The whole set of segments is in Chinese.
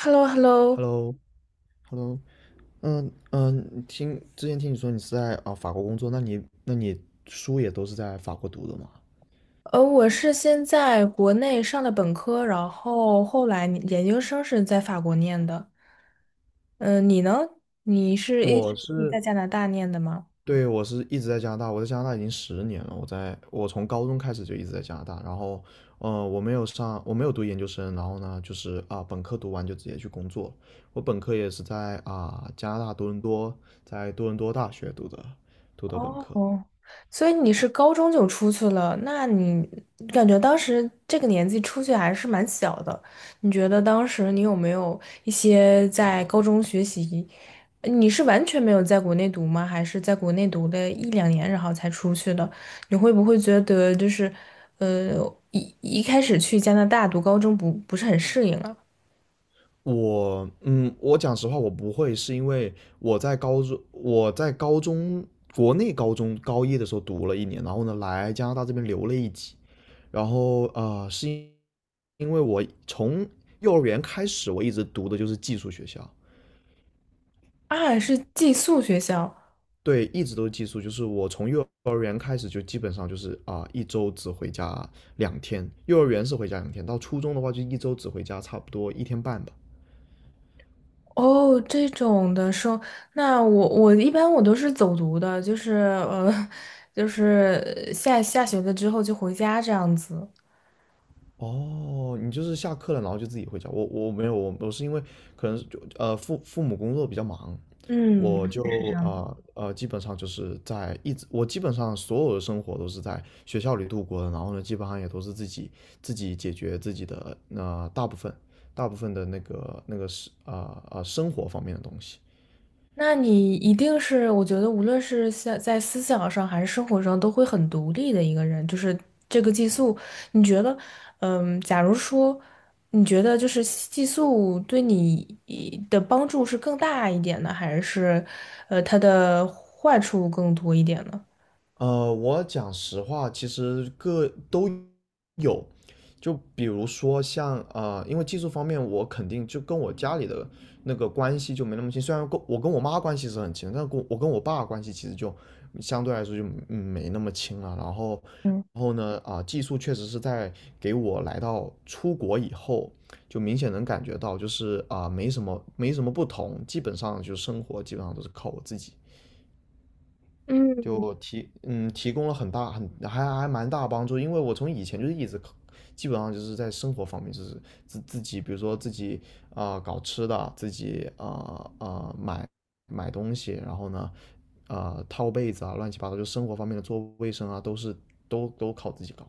h e l l o h e l l o Hello，Hello，嗯嗯，之前听你说你是在法国工作，那你书也都是在法国读的吗？我是先在国内上的本科，然后后来你研究生是在法国念的。嗯、你呢？你是一我直是，在加拿大念的吗？对，我是一直在加拿大，我在加拿大已经10年了，我从高中开始就一直在加拿大，然后我没有读研究生，然后呢就是本科读完就直接去工作了。我本科也是在加拿大多伦多，在多伦多大学读的本科。哦，所以你是高中就出去了，那你感觉当时这个年纪出去还是蛮小的，你觉得当时你有没有一些在高中学习，你是完全没有在国内读吗？还是在国内读了一两年然后才出去的？你会不会觉得就是，呃，一开始去加拿大读高中不是很适应啊？我讲实话，我不会，是因为我在高中，我在国内高中高一的时候读了一年，然后呢来加拿大这边留了一级，然后因为我从幼儿园开始，我一直读的就是寄宿学校。啊，是寄宿学校。对，一直都是寄宿，就是我从幼儿园开始就基本上就是一周只回家两天，幼儿园是回家两天，到初中的话就一周只回家差不多一天半吧。哦，这种的说，那我一般我都是走读的，就是就是下学了之后就回家这样子。哦，你就是下课了，然后就自己回家。我没有，我是因为可能是父母工作比较忙，嗯，我就这样子。基本上就是在一直我基本上所有的生活都是在学校里度过的，然后呢基本上也都是自己解决自己的大部分的那个是生活方面的东西。那你一定是，我觉得无论是在思想上还是生活上，都会很独立的一个人。就是这个寄宿，你觉得，嗯，假如说你觉得就是寄宿对你的帮助是更大一点呢，还是它的坏处更多一点呢？我讲实话，其实各都有。就比如说像因为技术方面，我肯定就跟我家里的那个关系就没那么亲。虽然跟我妈关系是很亲，但跟我爸关系其实就相对来说就没那么亲了。嗯。然后呢，技术确实是在给我来到出国以后，就明显能感觉到，就是没什么不同，基本上就生活基本上都是靠我自己。嗯，就提供了很大很还还蛮大帮助，因为我从以前就是一直基本上就是在生活方面就是自己搞吃的，自己啊、呃呃买买东西，然后呢套被子啊乱七八糟，就生活方面的做卫生啊都是都靠自己搞。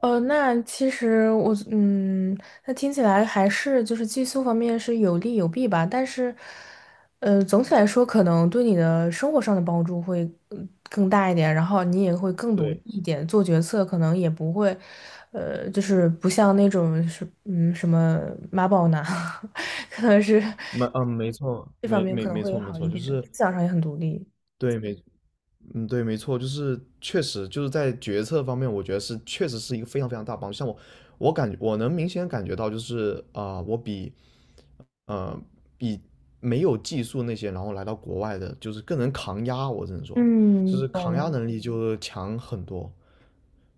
那其实我，嗯，那听起来还是就是寄宿方面是有利有弊吧，但是，总体来说可能对你的生活上的帮助会更大一点，然后你也会更独立对，一点，做决策可能也不会，就是不像那种是什么妈宝男，可能是没嗯没错这方没面没可能没会错没好一错，就点，是思想上也很独立。对没嗯，对，没错，就是确实就是在决策方面，我觉得是确实是一个非常非常大帮助。像我，我能明显感觉到，就是我比呃比没有技术那些，然后来到国外的，就是更能扛压。我只能说，就嗯，是懂扛了压能力就强很多。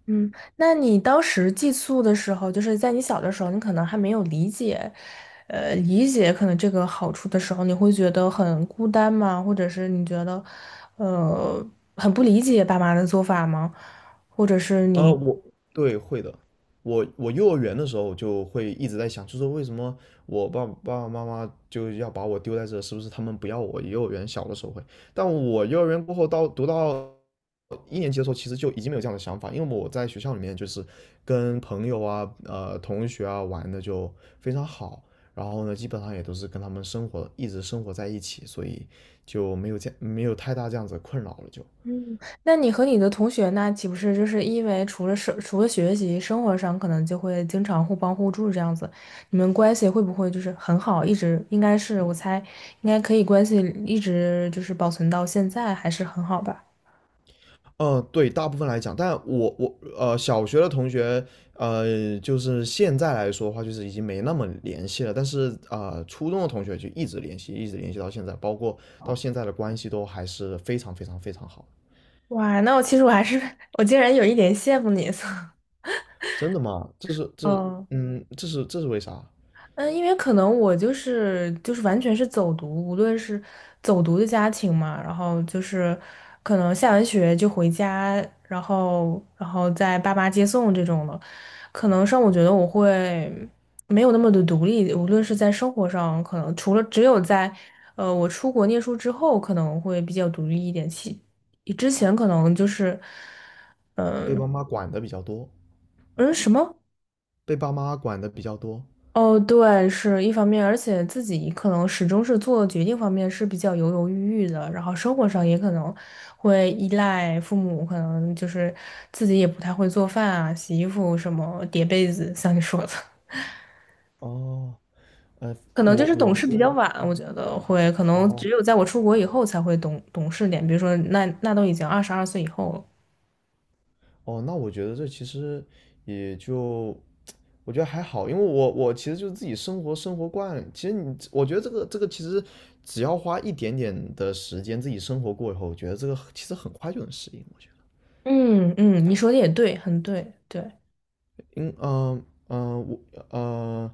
嗯，那你当时寄宿的时候，就是在你小的时候，你可能还没有理解，理解可能这个好处的时候，你会觉得很孤单吗？或者是你觉得，呃，很不理解爸妈的做法吗？或者是啊，你，对，会的。我幼儿园的时候就会一直在想，就是为什么爸爸妈妈就要把我丢在这，是不是他们不要我？幼儿园小的时候会，但我幼儿园过后到一年级的时候，其实就已经没有这样的想法，因为我在学校里面就是跟朋友、同学啊玩的就非常好，然后呢，基本上也都是跟他们一直生活在一起，所以就没有太大这样子的困扰了就。嗯，那你和你的同学那岂不是就是因为除了生除了学习，生活上可能就会经常互帮互助这样子，你们关系会不会就是很好，一直应该是我猜应该可以关系一直就是保存到现在，还是很好吧？嗯，对，大部分来讲，但我，小学的同学，就是现在来说的话，就是已经没那么联系了。但是初中的同学就一直联系，一直联系到现在，包括到现在的关系都还是非常非常非常好。哇，那我其实我还是 我竟然有一点羡慕你，所以真的吗？这是这是嗯嗯，这是这是为啥？嗯，因为可能我就是完全是走读，无论是走读的家庭嘛，然后就是可能下完学就回家，然后再爸妈接送这种的，可能上我觉得我会没有那么的独立，无论是在生活上，可能除了只有在我出国念书之后，可能会比较独立一点，之前可能就是被嗯爸妈管的比较多，嗯什么。被爸妈管的比较多。哦，对，是一方面，而且自己可能始终是做决定方面是比较犹犹豫豫的，然后生活上也可能会依赖父母，可能就是自己也不太会做饭啊、洗衣服什么、叠被子，像你说的，哦，呃，可能我就是懂我事比较是晚，我觉得会，可能只哦，有在我出国以后才会懂事点，比如说那那都已经22岁以后了。哦，那我觉得这其实也就，我觉得还好，因为我其实就是自己生活惯，其实我觉得这个其实只要花一点点的时间自己生活过以后，我觉得这个其实很快就能适应。我觉嗯嗯，你说的也对，很对，对，得，因嗯嗯呃我呃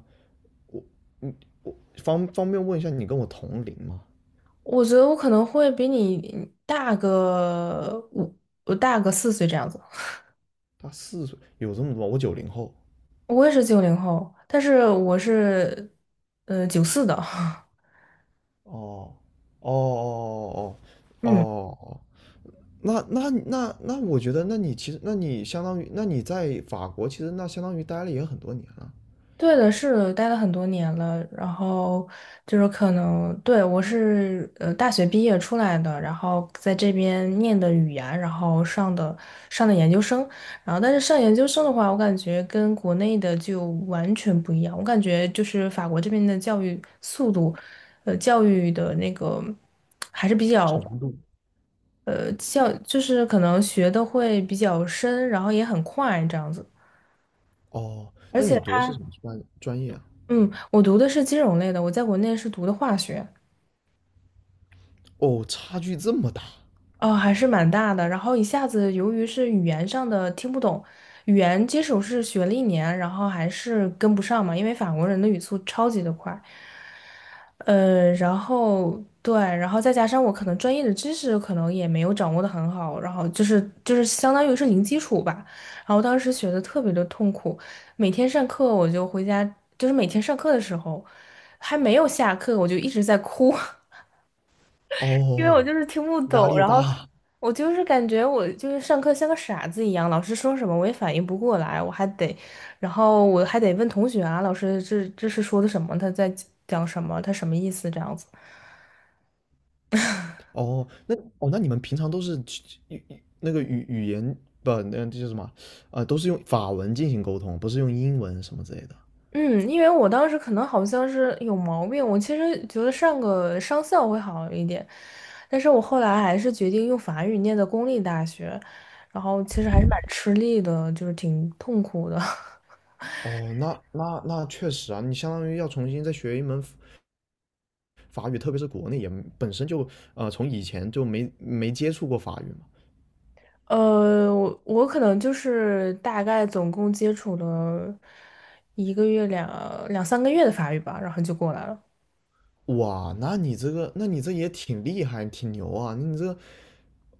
方便问一下，你跟我同龄吗？我觉得我可能会比你大个五，我大个4岁这样子。大4岁，有这么多吗？我90后。我也是90后，但是我是94的。哦哦哦哦哦嗯，哦，那，我觉得，那你其实，那你相当于，那你在法国，其实那相当于待了也很多年了。对的，是的，待了很多年了，然后就是可能，对，我是大学毕业出来的，然后在这边念的语言，然后上的研究生，然后但是上研究生的话，我感觉跟国内的就完全不一样，我感觉就是法国这边的教育速度，教育的那个还是比较。教就是可能学的会比较深，然后也很快这样子。哦，而那且你读的是他，什么专业啊？嗯，我读的是金融类的，我在国内是读的化学，哦，差距这么大。哦，还是蛮大的。然后一下子，由于是语言上的听不懂，语言基础是学了一年，然后还是跟不上嘛，因为法国人的语速超级的快。然后对，然后再加上我可能专业的知识可能也没有掌握的很好，然后就是相当于是零基础吧。然后当时学的特别的痛苦，每天上课我就回家，就是每天上课的时候还没有下课，我就一直在哭。因为我哦，就是听不压懂，力然后大。我就是感觉我就是上课像个傻子一样，老师说什么我也反应不过来，我还得，然后我还得问同学啊，老师这是说的什么？他在讲什么？他什么意思？这样子。哦，那你们平常都是去语那个语言，不，那这叫什么？都是用法文进行沟通，不是用英文什么之类的。嗯，因为我当时可能好像是有毛病，我其实觉得上个商校会好一点，但是我后来还是决定用法语念的公立大学，然后其实还是蛮吃力的，就是挺痛苦的。哦，那那确实啊，你相当于要重新再学一门法语，特别是国内也本身就从以前就没接触过法语嘛。我我可能就是大概总共接触了一个月两三个月的法语吧，然后就过来了。哇，那你这也挺厉害，挺牛啊！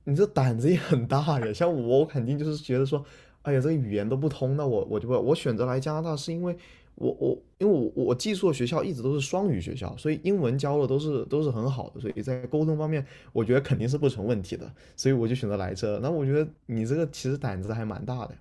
你这胆子也很大呀。像我，我肯定就是觉得说，哎呀，这个语言都不通，那我就不，我选择来加拿大是因为我寄宿的学校一直都是双语学校，所以英文教的都是很好的，所以在沟通方面，我觉得肯定是不成问题的，所以我就选择来这。那我觉得你这个其实胆子还蛮大的。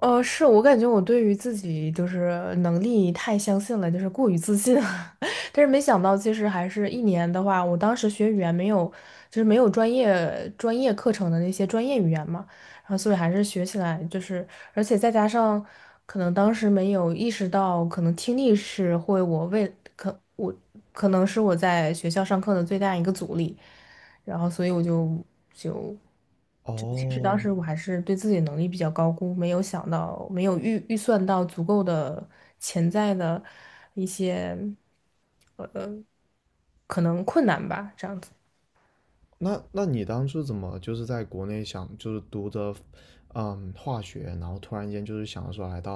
是我感觉我对于自己就是能力太相信了，就是过于自信了 但是没想到，其实还是一年的话，我当时学语言没有，就是没有专业课程的那些专业语言嘛，然后所以还是学起来就是，而且再加上可能当时没有意识到，可能听力是会我为可我可能是我在学校上课的最大一个阻力。然后所以我就就其实当哦，时我还是对自己能力比较高估，没有想到，没有预算到足够的潜在的一些呃可能困难吧，这样子。那你当初怎么就是在国内想就是读着，化学，然后突然间就是想说来到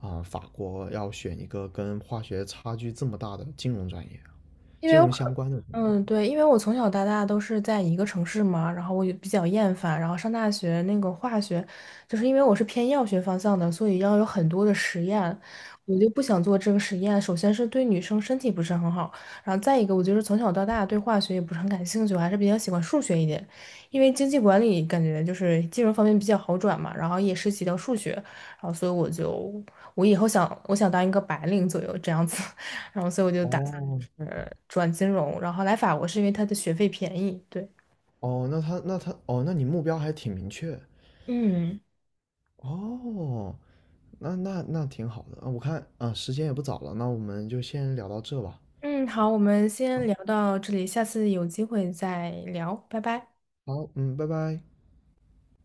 法国要选一个跟化学差距这么大的因金为我融可。相关的专业。嗯，对，因为我从小到大都是在一个城市嘛，然后我也比较厌烦，然后上大学那个化学，就是因为我是偏药学方向的，所以要有很多的实验，我就不想做这个实验。首先是对女生身体不是很好，然后再一个，我就是从小到大对化学也不是很感兴趣，我还是比较喜欢数学一点，因为经济管理感觉就是金融方面比较好转嘛，然后也涉及到数学，然后所以我就我以后想我想当一个白领左右这样子。然后所以我就打哦算是转金融，然后来法国是因为它的学费便宜。对，哦，那他那他哦，那你目标还挺明确。嗯哦，那挺好的啊。我看啊，时间也不早了，那我们就先聊到这吧。嗯，好，我们先聊到这里，下次有机会再聊，拜拜。好，嗯，拜拜。